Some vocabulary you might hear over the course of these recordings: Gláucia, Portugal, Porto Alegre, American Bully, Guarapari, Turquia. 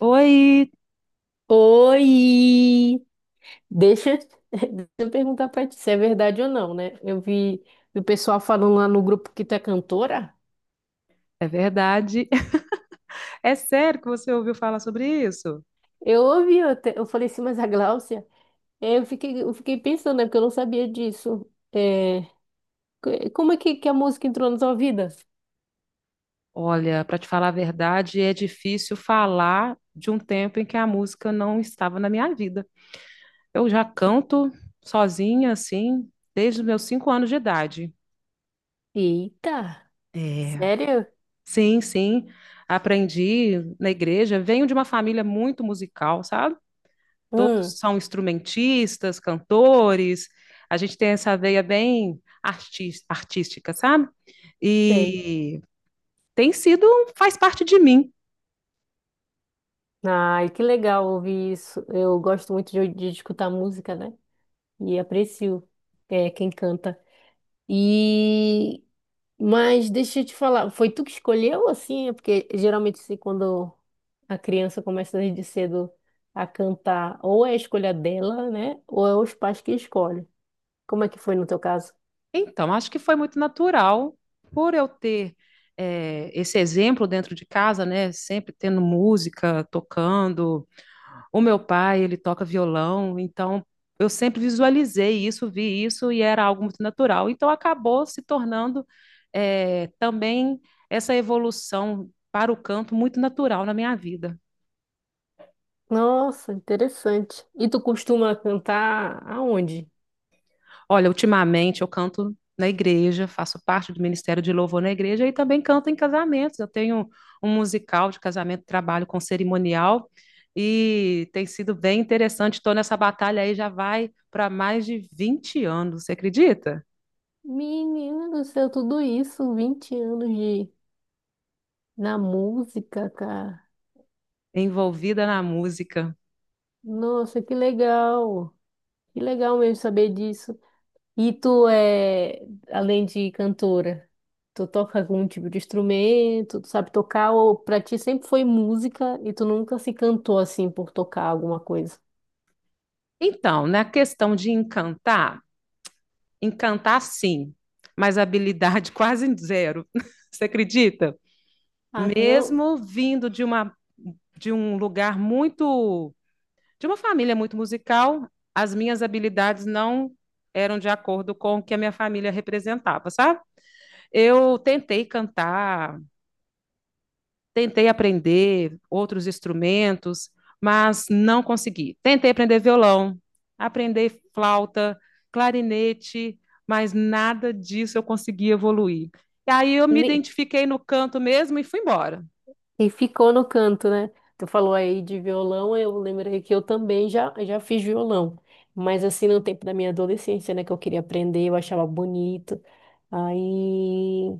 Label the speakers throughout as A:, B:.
A: Oi,
B: Oi! Deixa, deixa eu perguntar pra ti se é verdade ou não, né? Eu vi o pessoal falando lá no grupo que tu é cantora.
A: é verdade. É sério que você ouviu falar sobre isso?
B: Eu ouvi, eu, eu falei assim, mas a Gláucia? É, eu fiquei, eu fiquei pensando, né? Porque eu não sabia disso. É, como é que a música entrou na tua vida?
A: Olha, para te falar a verdade, é difícil falar de um tempo em que a música não estava na minha vida. Eu já canto sozinha, assim, desde os meus 5 anos de idade.
B: Eita!
A: É.
B: Sério?
A: Sim, sim. Aprendi na igreja. Venho de uma família muito musical, sabe? Todos
B: Hum,
A: são instrumentistas, cantores, a gente tem essa veia bem artística, sabe?
B: sei.
A: E tem sido, faz parte de mim.
B: Ai, que legal ouvir isso. Eu gosto muito de escutar música, né? E aprecio, é, quem canta. E. Mas deixa eu te falar, foi tu que escolheu assim? É. Porque geralmente assim, quando a criança começa desde cedo a cantar, ou é a escolha dela, né? Ou é os pais que escolhem. Como é que foi no teu caso?
A: Então, acho que foi muito natural por eu ter esse exemplo dentro de casa, né? Sempre tendo música, tocando. O meu pai, ele toca violão, então eu sempre visualizei isso, vi isso e era algo muito natural. Então acabou se tornando também essa evolução para o canto muito natural na minha vida.
B: Nossa, interessante. E tu costuma cantar aonde?
A: Olha, ultimamente eu canto na igreja, faço parte do Ministério de Louvor na igreja e também canto em casamentos. Eu tenho um musical de casamento, trabalho com cerimonial e tem sido bem interessante. Estou nessa batalha aí já vai para mais de 20 anos, você acredita?
B: Menina do céu, tudo isso, 20 anos de na música, cara.
A: Envolvida na música.
B: Nossa, que legal. Que legal mesmo saber disso. E tu é, além de cantora, tu toca algum tipo de instrumento, tu sabe tocar, ou pra ti sempre foi música e tu nunca se cantou assim por tocar alguma coisa?
A: Então, na questão de encantar, encantar sim, mas habilidade quase zero. Você acredita?
B: Ah, tu não.
A: Mesmo vindo de uma de um lugar muito de uma família muito musical, as minhas habilidades não eram de acordo com o que a minha família representava, sabe? Eu tentei cantar. Tentei aprender outros instrumentos, mas não consegui. Tentei aprender violão, aprender flauta, clarinete, mas nada disso eu consegui evoluir. E aí eu me
B: ne-
A: identifiquei no canto mesmo e fui embora.
B: E ficou no canto, né? Tu falou aí de violão, eu lembrei que eu também já, já fiz violão. Mas assim, no tempo da minha adolescência, né, que eu queria aprender, eu achava bonito. Aí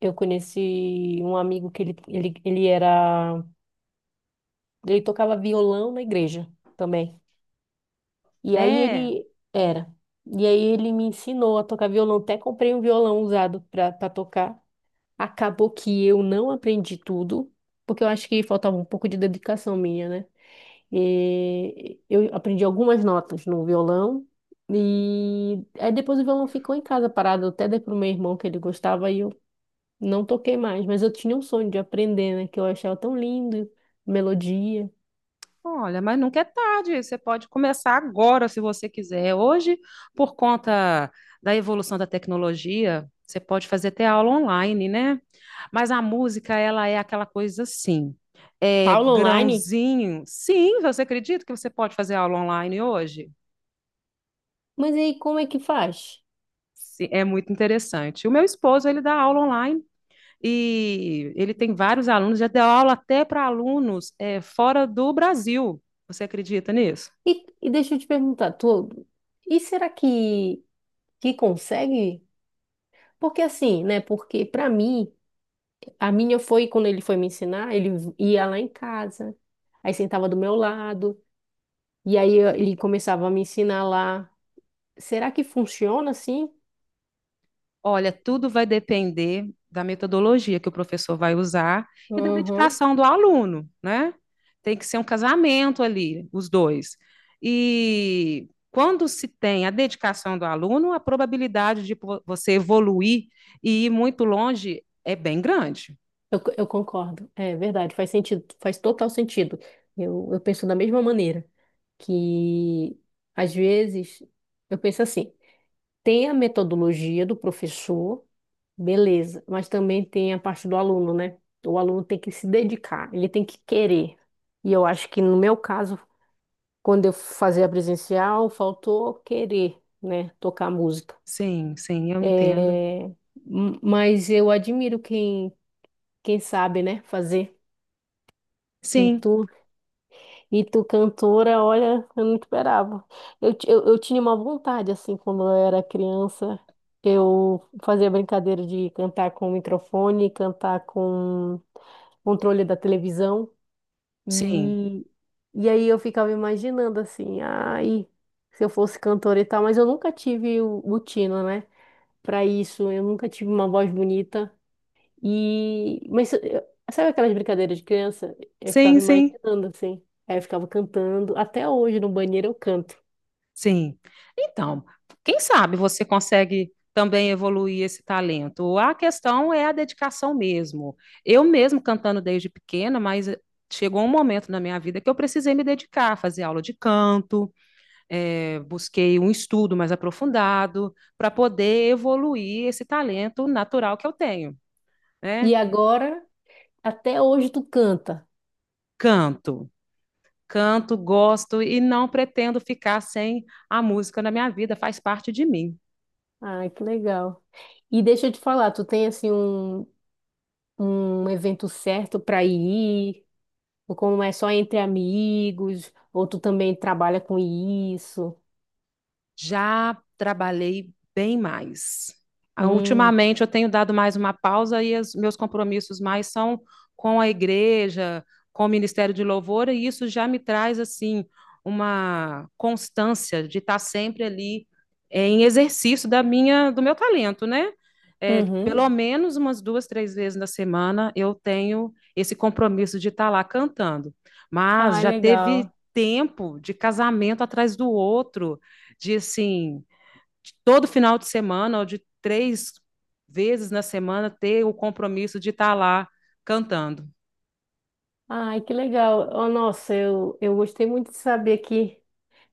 B: eu conheci um amigo que ele era. Ele tocava violão na igreja também. E aí
A: É.
B: ele era. E aí ele me ensinou a tocar violão. Até comprei um violão usado para tocar. Acabou que eu não aprendi tudo, porque eu acho que faltava um pouco de dedicação minha, né? E eu aprendi algumas notas no violão. E aí depois o violão ficou em casa parado. Eu até dei pro meu irmão que ele gostava e eu não toquei mais. Mas eu tinha um sonho de aprender, né? Que eu achava tão lindo, melodia.
A: Olha, mas nunca é tarde, você pode começar agora se você quiser. Hoje, por conta da evolução da tecnologia, você pode fazer até aula online, né? Mas a música, ela é aquela coisa assim, é
B: Aula online?
A: grãozinho. Sim, você acredita que você pode fazer aula online hoje?
B: Mas aí como é que faz?
A: Sim, é muito interessante. O meu esposo, ele dá aula online e ele tem vários alunos, já deu aula até para alunos fora do Brasil. Você acredita nisso?
B: E, e deixa eu te perguntar, tu, e será que consegue? Porque assim, né? Porque pra mim, a minha foi quando ele foi me ensinar, ia lá em casa, aí sentava do meu lado, e aí ele começava a me ensinar lá. Será que funciona assim?
A: Olha, tudo vai depender da metodologia que o professor vai usar e da
B: Uhum.
A: dedicação do aluno, né? Tem que ser um casamento ali, os dois. E quando se tem a dedicação do aluno, a probabilidade de você evoluir e ir muito longe é bem grande.
B: Eu, eu concordo. É verdade, faz sentido, faz total sentido. Eu penso da mesma maneira, que às vezes eu penso assim. Tem a metodologia do professor, beleza, mas também tem a parte do aluno, né? O aluno tem que se dedicar, ele tem que querer. E eu acho que no meu caso, quando eu fazia presencial, faltou querer, né? Tocar música.
A: Sim, sim, eu entendo.
B: É, mas eu admiro quem, quem sabe, né? Fazer. E
A: Sim,
B: tu E tu cantora, olha, eu não esperava. Eu, eu tinha uma vontade, assim, quando eu era criança, eu fazia brincadeira de cantar com o microfone, cantar com controle da televisão.
A: sim,
B: E, e aí eu ficava imaginando, assim, ai, se eu fosse cantora e tal, mas eu nunca tive o tino, né? Pra isso, eu nunca tive uma voz bonita. E, sabe aquelas brincadeiras de criança? Eu ficava
A: sim, sim.
B: imaginando assim. Aí eu ficava cantando. Até hoje no banheiro eu canto.
A: Sim. Então, quem sabe você consegue também evoluir esse talento. A questão é a dedicação mesmo. Eu mesmo cantando desde pequena, mas chegou um momento na minha vida que eu precisei me dedicar, fazer aula de canto. Busquei um estudo mais aprofundado para poder evoluir esse talento natural que eu tenho, né?
B: E agora, até hoje tu canta.
A: Canto. Canto, gosto e não pretendo ficar sem a música na minha vida, faz parte de mim.
B: Ai, que legal. E deixa eu te falar, tu tem assim um, um evento certo para ir? Ou como é só entre amigos? Ou tu também trabalha com isso?
A: Já trabalhei bem mais. Ah,
B: Hum,
A: ultimamente eu tenho dado mais uma pausa e os meus compromissos mais são com a igreja, com o Ministério de Louvor, e isso já me traz assim uma constância de estar sempre ali em exercício da minha, do meu talento, né?
B: uhum.
A: Pelo menos umas 2, 3 vezes na semana eu tenho esse compromisso de estar lá cantando. Mas
B: Ai,
A: já teve
B: legal.
A: tempo de casamento atrás do outro, de assim, de todo final de semana ou de 3 vezes na semana ter o compromisso de estar lá cantando.
B: Ai, que legal. Oh, nossa, eu gostei muito de saber que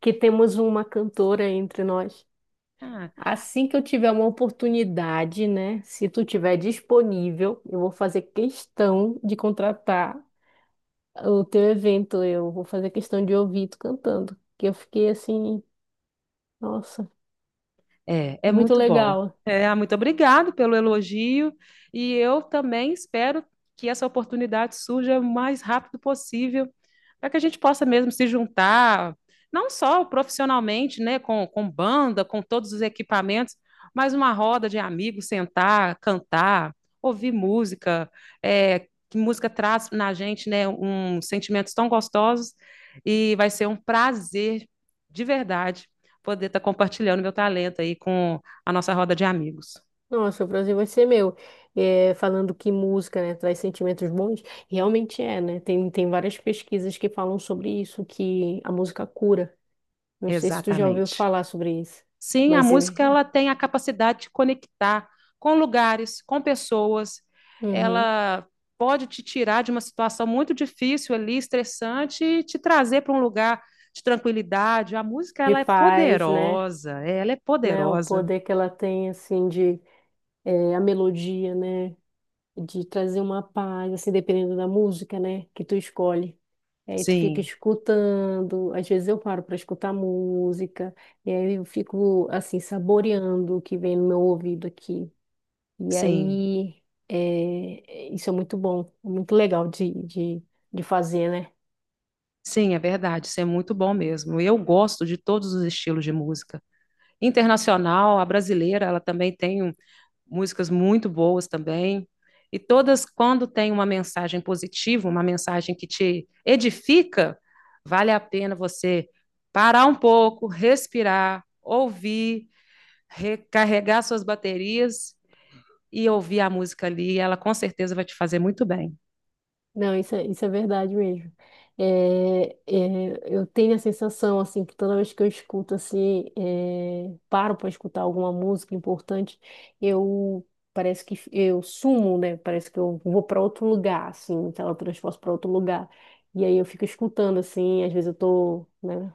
B: que temos uma cantora entre nós.
A: Ah,
B: Assim que eu tiver uma oportunidade, né? Se tu tiver disponível, eu vou fazer questão de contratar o teu evento. Eu vou fazer questão de ouvir tu cantando. Que eu fiquei assim, nossa,
A: é, é
B: é muito
A: muito bom.
B: legal.
A: É, ah, muito obrigado pelo elogio e eu também espero que essa oportunidade surja o mais rápido possível, para que a gente possa mesmo se juntar, não só profissionalmente, né, com banda, com todos os equipamentos, mas uma roda de amigos, sentar, cantar, ouvir música. É, que música traz na gente, né, um sentimentos tão gostosos, e vai ser um prazer de verdade poder estar tá compartilhando meu talento aí com a nossa roda de amigos.
B: Nossa, o Brasil vai ser meu. É, falando que música, né, traz sentimentos bons, realmente é, né? Tem, tem várias pesquisas que falam sobre isso, que a música cura. Não sei se tu já ouviu
A: Exatamente.
B: falar sobre isso,
A: Sim, a
B: mas eu.
A: música ela tem a capacidade de conectar com lugares, com pessoas.
B: Uhum.
A: Ela pode te tirar de uma situação muito difícil ali, estressante, e te trazer para um lugar de tranquilidade. A música
B: De
A: ela é
B: paz, né?
A: poderosa, ela é
B: Né? O
A: poderosa.
B: poder que ela tem, assim, de eh, a melodia, né? De trazer uma paz, assim, dependendo da música, né? Que tu escolhe. Aí tu fica
A: Sim,
B: escutando, às vezes eu paro para escutar música, e aí eu fico, assim, saboreando o que vem no meu ouvido aqui. E
A: sim,
B: aí, eh, isso é muito bom, é muito legal de fazer, né?
A: sim, é verdade. Isso é muito bom mesmo. Eu gosto de todos os estilos de música. Internacional, a brasileira, ela também tem músicas muito boas também. E todas, quando tem uma mensagem positiva, uma mensagem que te edifica, vale a pena você parar um pouco, respirar, ouvir, recarregar suas baterias e ouvir a música ali. Ela com certeza vai te fazer muito bem.
B: Não, isso é verdade mesmo. É, é, eu tenho a sensação, assim, que toda vez que eu escuto, assim, é, paro para escutar alguma música importante, eu parece que eu sumo, né? Parece que eu vou para outro lugar, assim, me teletransporto para outro lugar. E aí eu fico escutando, assim, às vezes eu tô, né?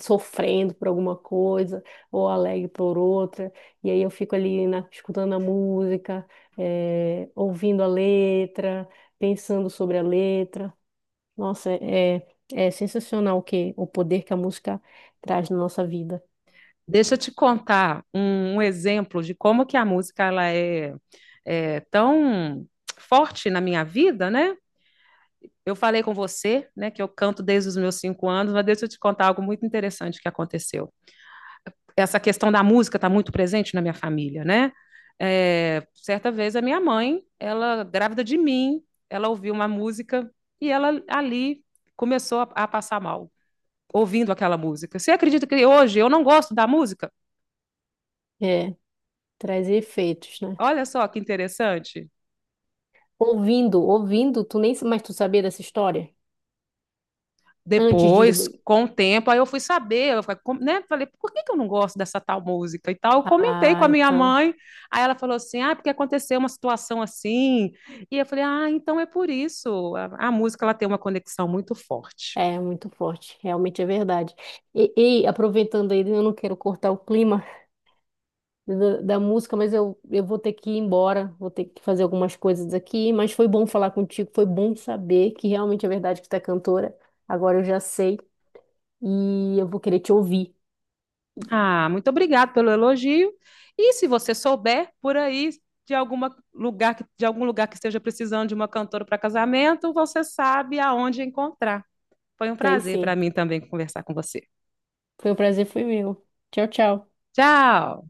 B: Sofrendo por alguma coisa, ou alegre por outra, e aí eu fico ali escutando a música, eh, ouvindo a letra, pensando sobre a letra. Nossa, é, é sensacional o que, o poder que a música traz na nossa vida.
A: Deixa eu te contar um exemplo de como que a música ela é, é tão forte na minha vida, né? Eu falei com você, né, que eu canto desde os meus cinco anos, mas deixa eu te contar algo muito interessante que aconteceu. Essa questão da música está muito presente na minha família, né? É, certa vez a minha mãe, ela grávida de mim, ela ouviu uma música e ela ali começou a passar mal, ouvindo aquela música. Você acredita que hoje eu não gosto da música?
B: É, traz efeitos, né?
A: Olha só que interessante.
B: Ouvindo, tu nem, mas tu sabia dessa história? Antes de...
A: Depois, com o tempo, aí eu fui saber, eu falei, né? Falei, por que, que eu não gosto dessa tal música e tal? Eu comentei com
B: Ah,
A: a minha
B: então...
A: mãe, aí ela falou assim, ah, porque aconteceu uma situação assim, e eu falei, ah, então é por isso, a música ela tem uma conexão muito forte.
B: É muito forte, realmente é verdade. E aproveitando aí, eu não quero cortar o clima, da música, mas eu vou ter que ir embora, vou ter que fazer algumas coisas aqui, mas foi bom falar contigo, foi bom saber que realmente é verdade que tu é cantora. Agora eu já sei e eu vou querer te ouvir.
A: Ah, muito obrigada pelo elogio, e se você souber por aí de algum lugar que esteja precisando de uma cantora para casamento, você sabe aonde encontrar. Foi um
B: Sei
A: prazer para
B: sim.
A: mim também conversar com você.
B: Foi um prazer, foi meu. Tchau, tchau.
A: Tchau!